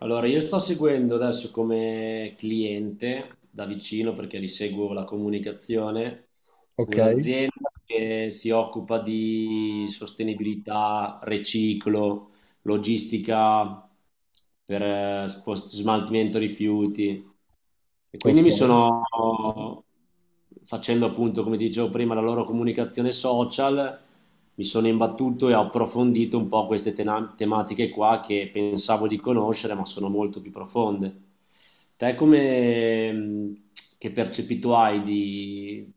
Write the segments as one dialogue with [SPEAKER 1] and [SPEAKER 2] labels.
[SPEAKER 1] Allora, io sto seguendo adesso come cliente da vicino perché li seguo la comunicazione,
[SPEAKER 2] Ok,
[SPEAKER 1] un'azienda che si occupa di sostenibilità, riciclo, logistica per smaltimento rifiuti. E quindi
[SPEAKER 2] ok.
[SPEAKER 1] facendo appunto, come ti dicevo prima, la loro comunicazione social, mi sono imbattuto e ho approfondito un po' queste tematiche qua che pensavo di conoscere, ma sono molto più profonde. Te come, che percepito hai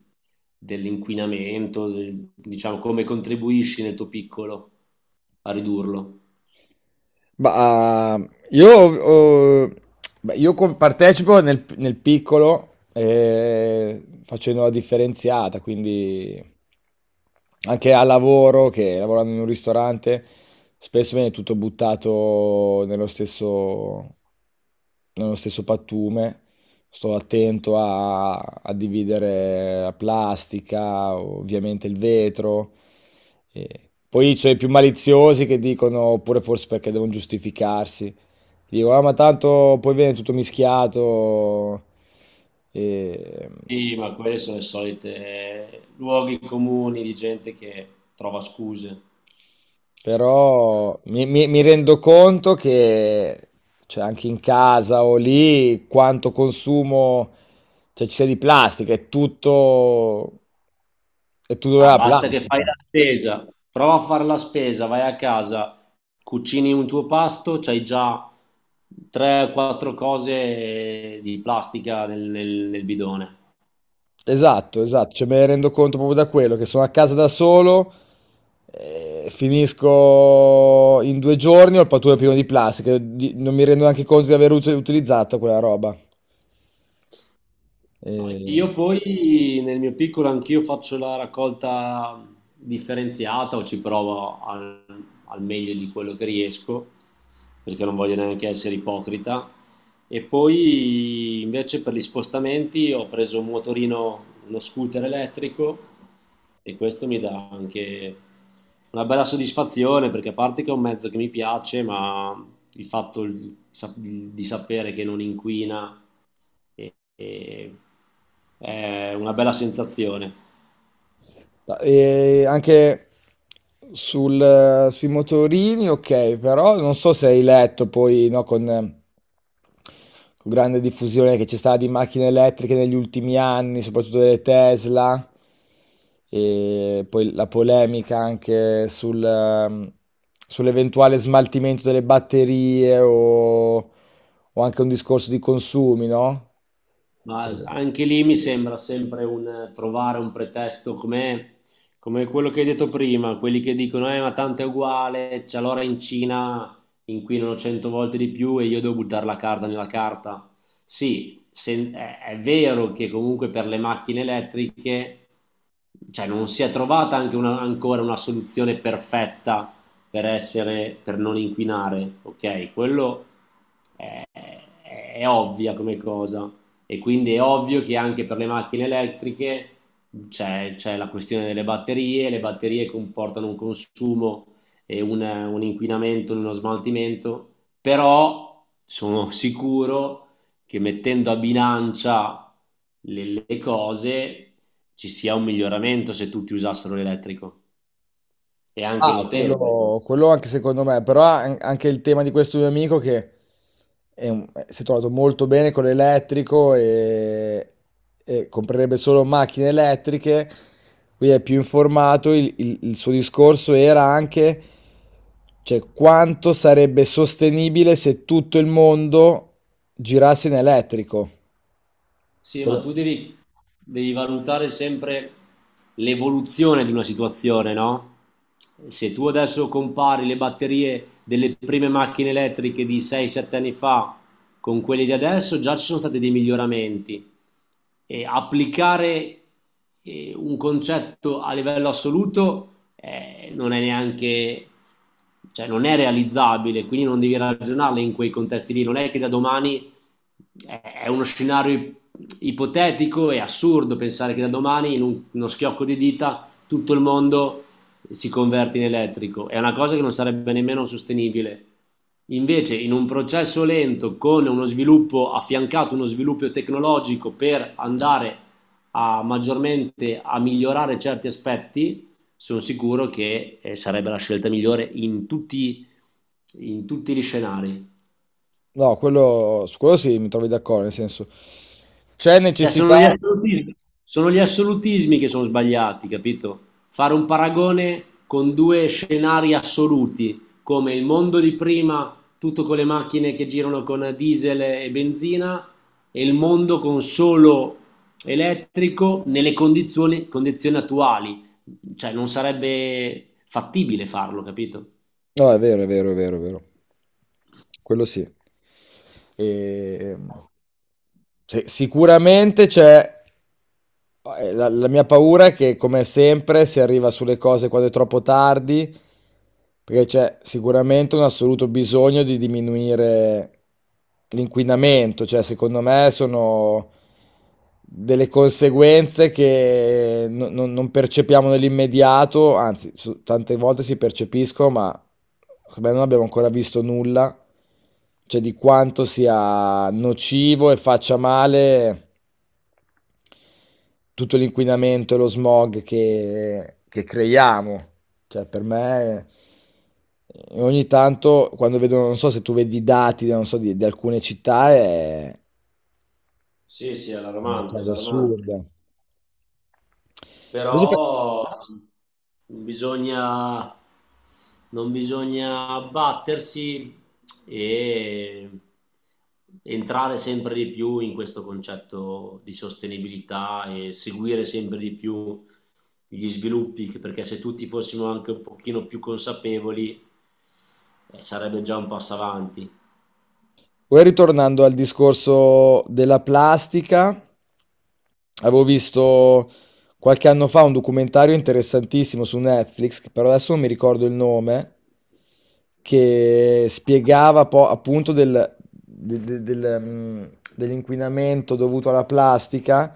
[SPEAKER 1] dell'inquinamento, diciamo, come contribuisci nel tuo piccolo a ridurlo?
[SPEAKER 2] Ma ah, io, ho- Beh, io partecipo nel piccolo facendo la differenziata, quindi anche al lavoro, che lavorando in un ristorante, spesso viene tutto buttato nello stesso pattume. Sto attento a dividere la plastica, ovviamente il vetro. E poi c'è i più maliziosi che dicono, oppure forse perché devono giustificarsi, dico, ah, ma tanto poi viene tutto mischiato. E...
[SPEAKER 1] Sì, ma quelli sono i soliti luoghi comuni di gente che trova scuse.
[SPEAKER 2] Però mi rendo conto che, cioè, anche in casa o lì quanto consumo, cioè ci sia di plastica, è tutto
[SPEAKER 1] Ah,
[SPEAKER 2] della
[SPEAKER 1] basta che fai
[SPEAKER 2] plastica.
[SPEAKER 1] la spesa, prova a fare la spesa, vai a casa, cucini un tuo pasto, c'hai già 3-4 cose di plastica nel bidone.
[SPEAKER 2] Esatto, esatto, cioè me ne rendo conto proprio da quello, che sono a casa da solo, finisco in due giorni, ho il pattume pieno di plastica, non mi rendo neanche conto di aver utilizzato quella roba.
[SPEAKER 1] No,
[SPEAKER 2] Eh,
[SPEAKER 1] Io poi nel mio piccolo anch'io faccio la raccolta differenziata o ci provo al meglio di quello che riesco, perché non voglio neanche essere ipocrita. E poi invece per gli spostamenti ho preso un motorino, uno scooter elettrico e questo mi dà anche una bella soddisfazione perché a parte che è un mezzo che mi piace, ma il fatto di sapere che non inquina e è una bella sensazione.
[SPEAKER 2] E anche sui motorini, ok, però non so se hai letto poi, no, con, con grande diffusione che c'è stata di macchine elettriche negli ultimi anni, soprattutto delle Tesla, e poi la polemica anche sul sull'eventuale smaltimento delle batterie o anche un discorso di consumi, no?
[SPEAKER 1] Ma anche lì mi sembra sempre un trovare un pretesto come quello che hai detto prima, quelli che dicono ma tanto è uguale, c'è l'ora in Cina in cui inquinano 100 volte di più e io devo buttare la carta nella carta. Sì, è vero che comunque per le macchine elettriche cioè, non si è trovata anche ancora una soluzione perfetta per non inquinare, ok? Quello è, è- è ovvia come cosa, e quindi è ovvio che anche per le macchine elettriche c'è la questione delle batterie, le batterie comportano un consumo e un inquinamento, uno smaltimento, però sono sicuro che mettendo a bilancia le cose ci sia un miglioramento se tutti usassero l'elettrico. È anche
[SPEAKER 2] Ah,
[SPEAKER 1] notevole.
[SPEAKER 2] quello anche secondo me, però anche il tema di questo mio amico che si è trovato molto bene con e comprerebbe solo macchine elettriche, quindi è più informato, il suo discorso era anche, cioè, quanto sarebbe sostenibile se tutto il mondo girasse in elettrico.
[SPEAKER 1] Sì,
[SPEAKER 2] Per
[SPEAKER 1] ma
[SPEAKER 2] un-
[SPEAKER 1] tu devi valutare sempre l'evoluzione di una situazione, no? Se tu adesso compari le batterie delle prime macchine elettriche di 6-7 anni fa con quelle di adesso, già ci sono stati dei miglioramenti. Applicare un concetto a livello assoluto non è neanche, cioè non è realizzabile, quindi non devi ragionarle in quei contesti lì, non è che da domani è uno scenario ipotetico e assurdo pensare che da domani uno schiocco di dita tutto il mondo si converte in elettrico, è una cosa che non sarebbe nemmeno sostenibile. Invece in un processo lento con uno sviluppo affiancato, uno sviluppo tecnologico per andare a maggiormente a migliorare certi aspetti, sono sicuro che sarebbe la scelta migliore in tutti gli scenari.
[SPEAKER 2] No, quello, su quello sì, mi trovi d'accordo, nel senso, c'è
[SPEAKER 1] Cioè, sono gli
[SPEAKER 2] necessità...
[SPEAKER 1] assolutismi, sono gli assolutismi che sono sbagliati, capito? Fare un paragone con due scenari assoluti, come il mondo di prima, tutto con le macchine che girano con diesel e benzina, e il mondo con solo elettrico nelle condizioni attuali. Cioè, non sarebbe fattibile farlo, capito?
[SPEAKER 2] No, è vero, è vero, è vero, è vero. Quello sì. E sì, sicuramente c'è, la mia paura è che, come sempre, si arriva sulle cose quando è troppo tardi, perché c'è sicuramente un assoluto bisogno di diminuire l'inquinamento. Cioè, secondo me sono delle conseguenze che non percepiamo nell'immediato, anzi, tante volte si percepiscono, ma secondo me non abbiamo ancora visto nulla, cioè di quanto sia nocivo e faccia male tutto l'inquinamento e lo smog che creiamo. Cioè, per me, ogni tanto, quando vedo, non so se tu vedi i dati, non so, di alcune città, è
[SPEAKER 1] Sì, sì, è
[SPEAKER 2] una
[SPEAKER 1] allarmante, è
[SPEAKER 2] cosa
[SPEAKER 1] allarmante.
[SPEAKER 2] assurda. Voglio pe-
[SPEAKER 1] Però non bisogna, non bisogna abbattersi e entrare sempre di più in questo concetto di sostenibilità e seguire sempre di più gli sviluppi, perché se tutti fossimo anche un pochino più consapevoli, sarebbe già un passo avanti.
[SPEAKER 2] Poi ritornando al discorso della plastica, avevo visto qualche anno fa un documentario interessantissimo su Netflix, che però adesso non mi ricordo il nome, che spiegava appunto dell'inquinamento dovuto alla plastica.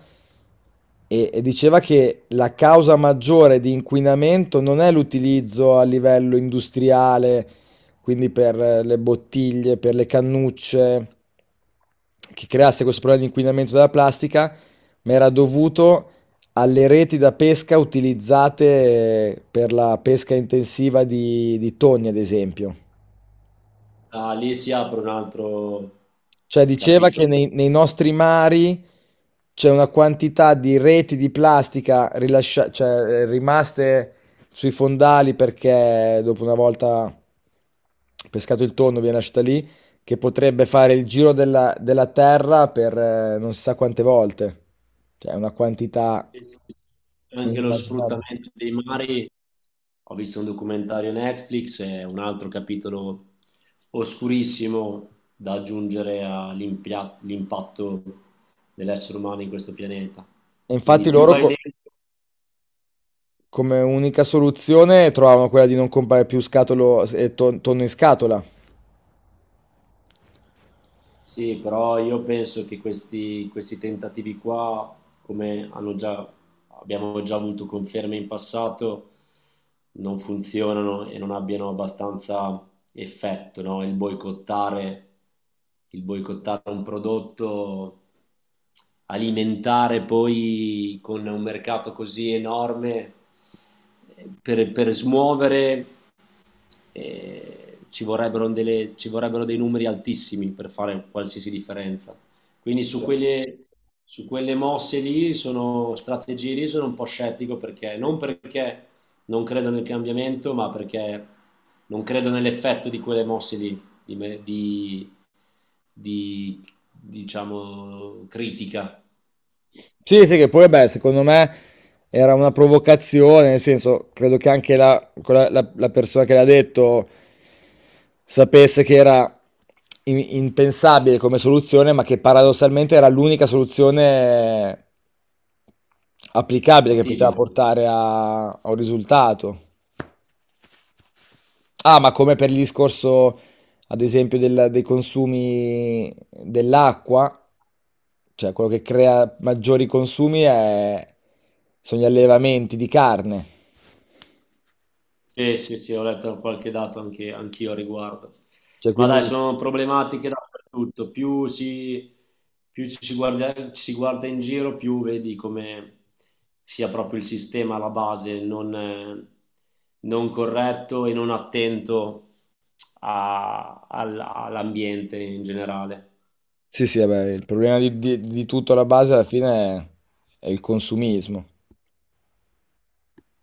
[SPEAKER 2] E diceva che la causa maggiore di inquinamento non è l'utilizzo a livello industriale, quindi per le bottiglie, per le cannucce, che creasse questo problema di inquinamento della plastica, ma era dovuto alle reti da pesca utilizzate per la pesca intensiva di tonni, ad esempio.
[SPEAKER 1] Ah, lì si apre un altro
[SPEAKER 2] Cioè, diceva che
[SPEAKER 1] capitolo.
[SPEAKER 2] nei nostri mari c'è una quantità di reti di plastica rimaste sui fondali perché dopo, una volta pescato il tonno, viene lasciata lì, che potrebbe fare il giro della terra per non si sa quante volte. Cioè, è una quantità
[SPEAKER 1] Sì, sì. Anche lo
[SPEAKER 2] inimmaginabile.
[SPEAKER 1] sfruttamento dei mari, ho visto un documentario Netflix, è un altro capitolo oscurissimo da aggiungere all'impatto dell'essere umano in questo pianeta.
[SPEAKER 2] E
[SPEAKER 1] Quindi
[SPEAKER 2] infatti
[SPEAKER 1] più
[SPEAKER 2] loro
[SPEAKER 1] vai dentro.
[SPEAKER 2] come unica soluzione trovavano quella di non comprare più tonno in scatola.
[SPEAKER 1] Sì, però io penso che questi tentativi qua, come hanno già- abbiamo già avuto conferme in passato, non funzionano e non abbiano abbastanza effetto, no? Il boicottare un prodotto, alimentare poi con un mercato così enorme per smuovere ci vorrebbero dei numeri altissimi per fare qualsiasi differenza. Quindi su quelle mosse lì, sono strategie lì, sono un po' scettico perché non credo nel cambiamento, ma perché non credo nell'effetto di quelle mosse lì, di, me- di, diciamo, critica
[SPEAKER 2] Sì, sì, che poi, beh, secondo me era una provocazione, nel senso, credo che anche la persona che l'ha detto sapesse che era impensabile come soluzione, ma che paradossalmente era l'unica soluzione applicabile che poteva
[SPEAKER 1] fattibile.
[SPEAKER 2] portare a un risultato. Ah, ma come per il discorso, ad esempio, dei consumi dell'acqua, cioè, quello che crea maggiori consumi sono gli allevamenti di carne.
[SPEAKER 1] Sì, sì, sì, ho letto qualche dato anche, anch'io a riguardo.
[SPEAKER 2] Cioè,
[SPEAKER 1] Ma dai,
[SPEAKER 2] quindi,
[SPEAKER 1] sono problematiche dappertutto. Più ci si guarda in giro, più vedi come sia proprio il sistema alla base non corretto e non attento all'ambiente in generale.
[SPEAKER 2] sì, sì, vabbè, il problema di tutto alla base alla fine è il consumismo.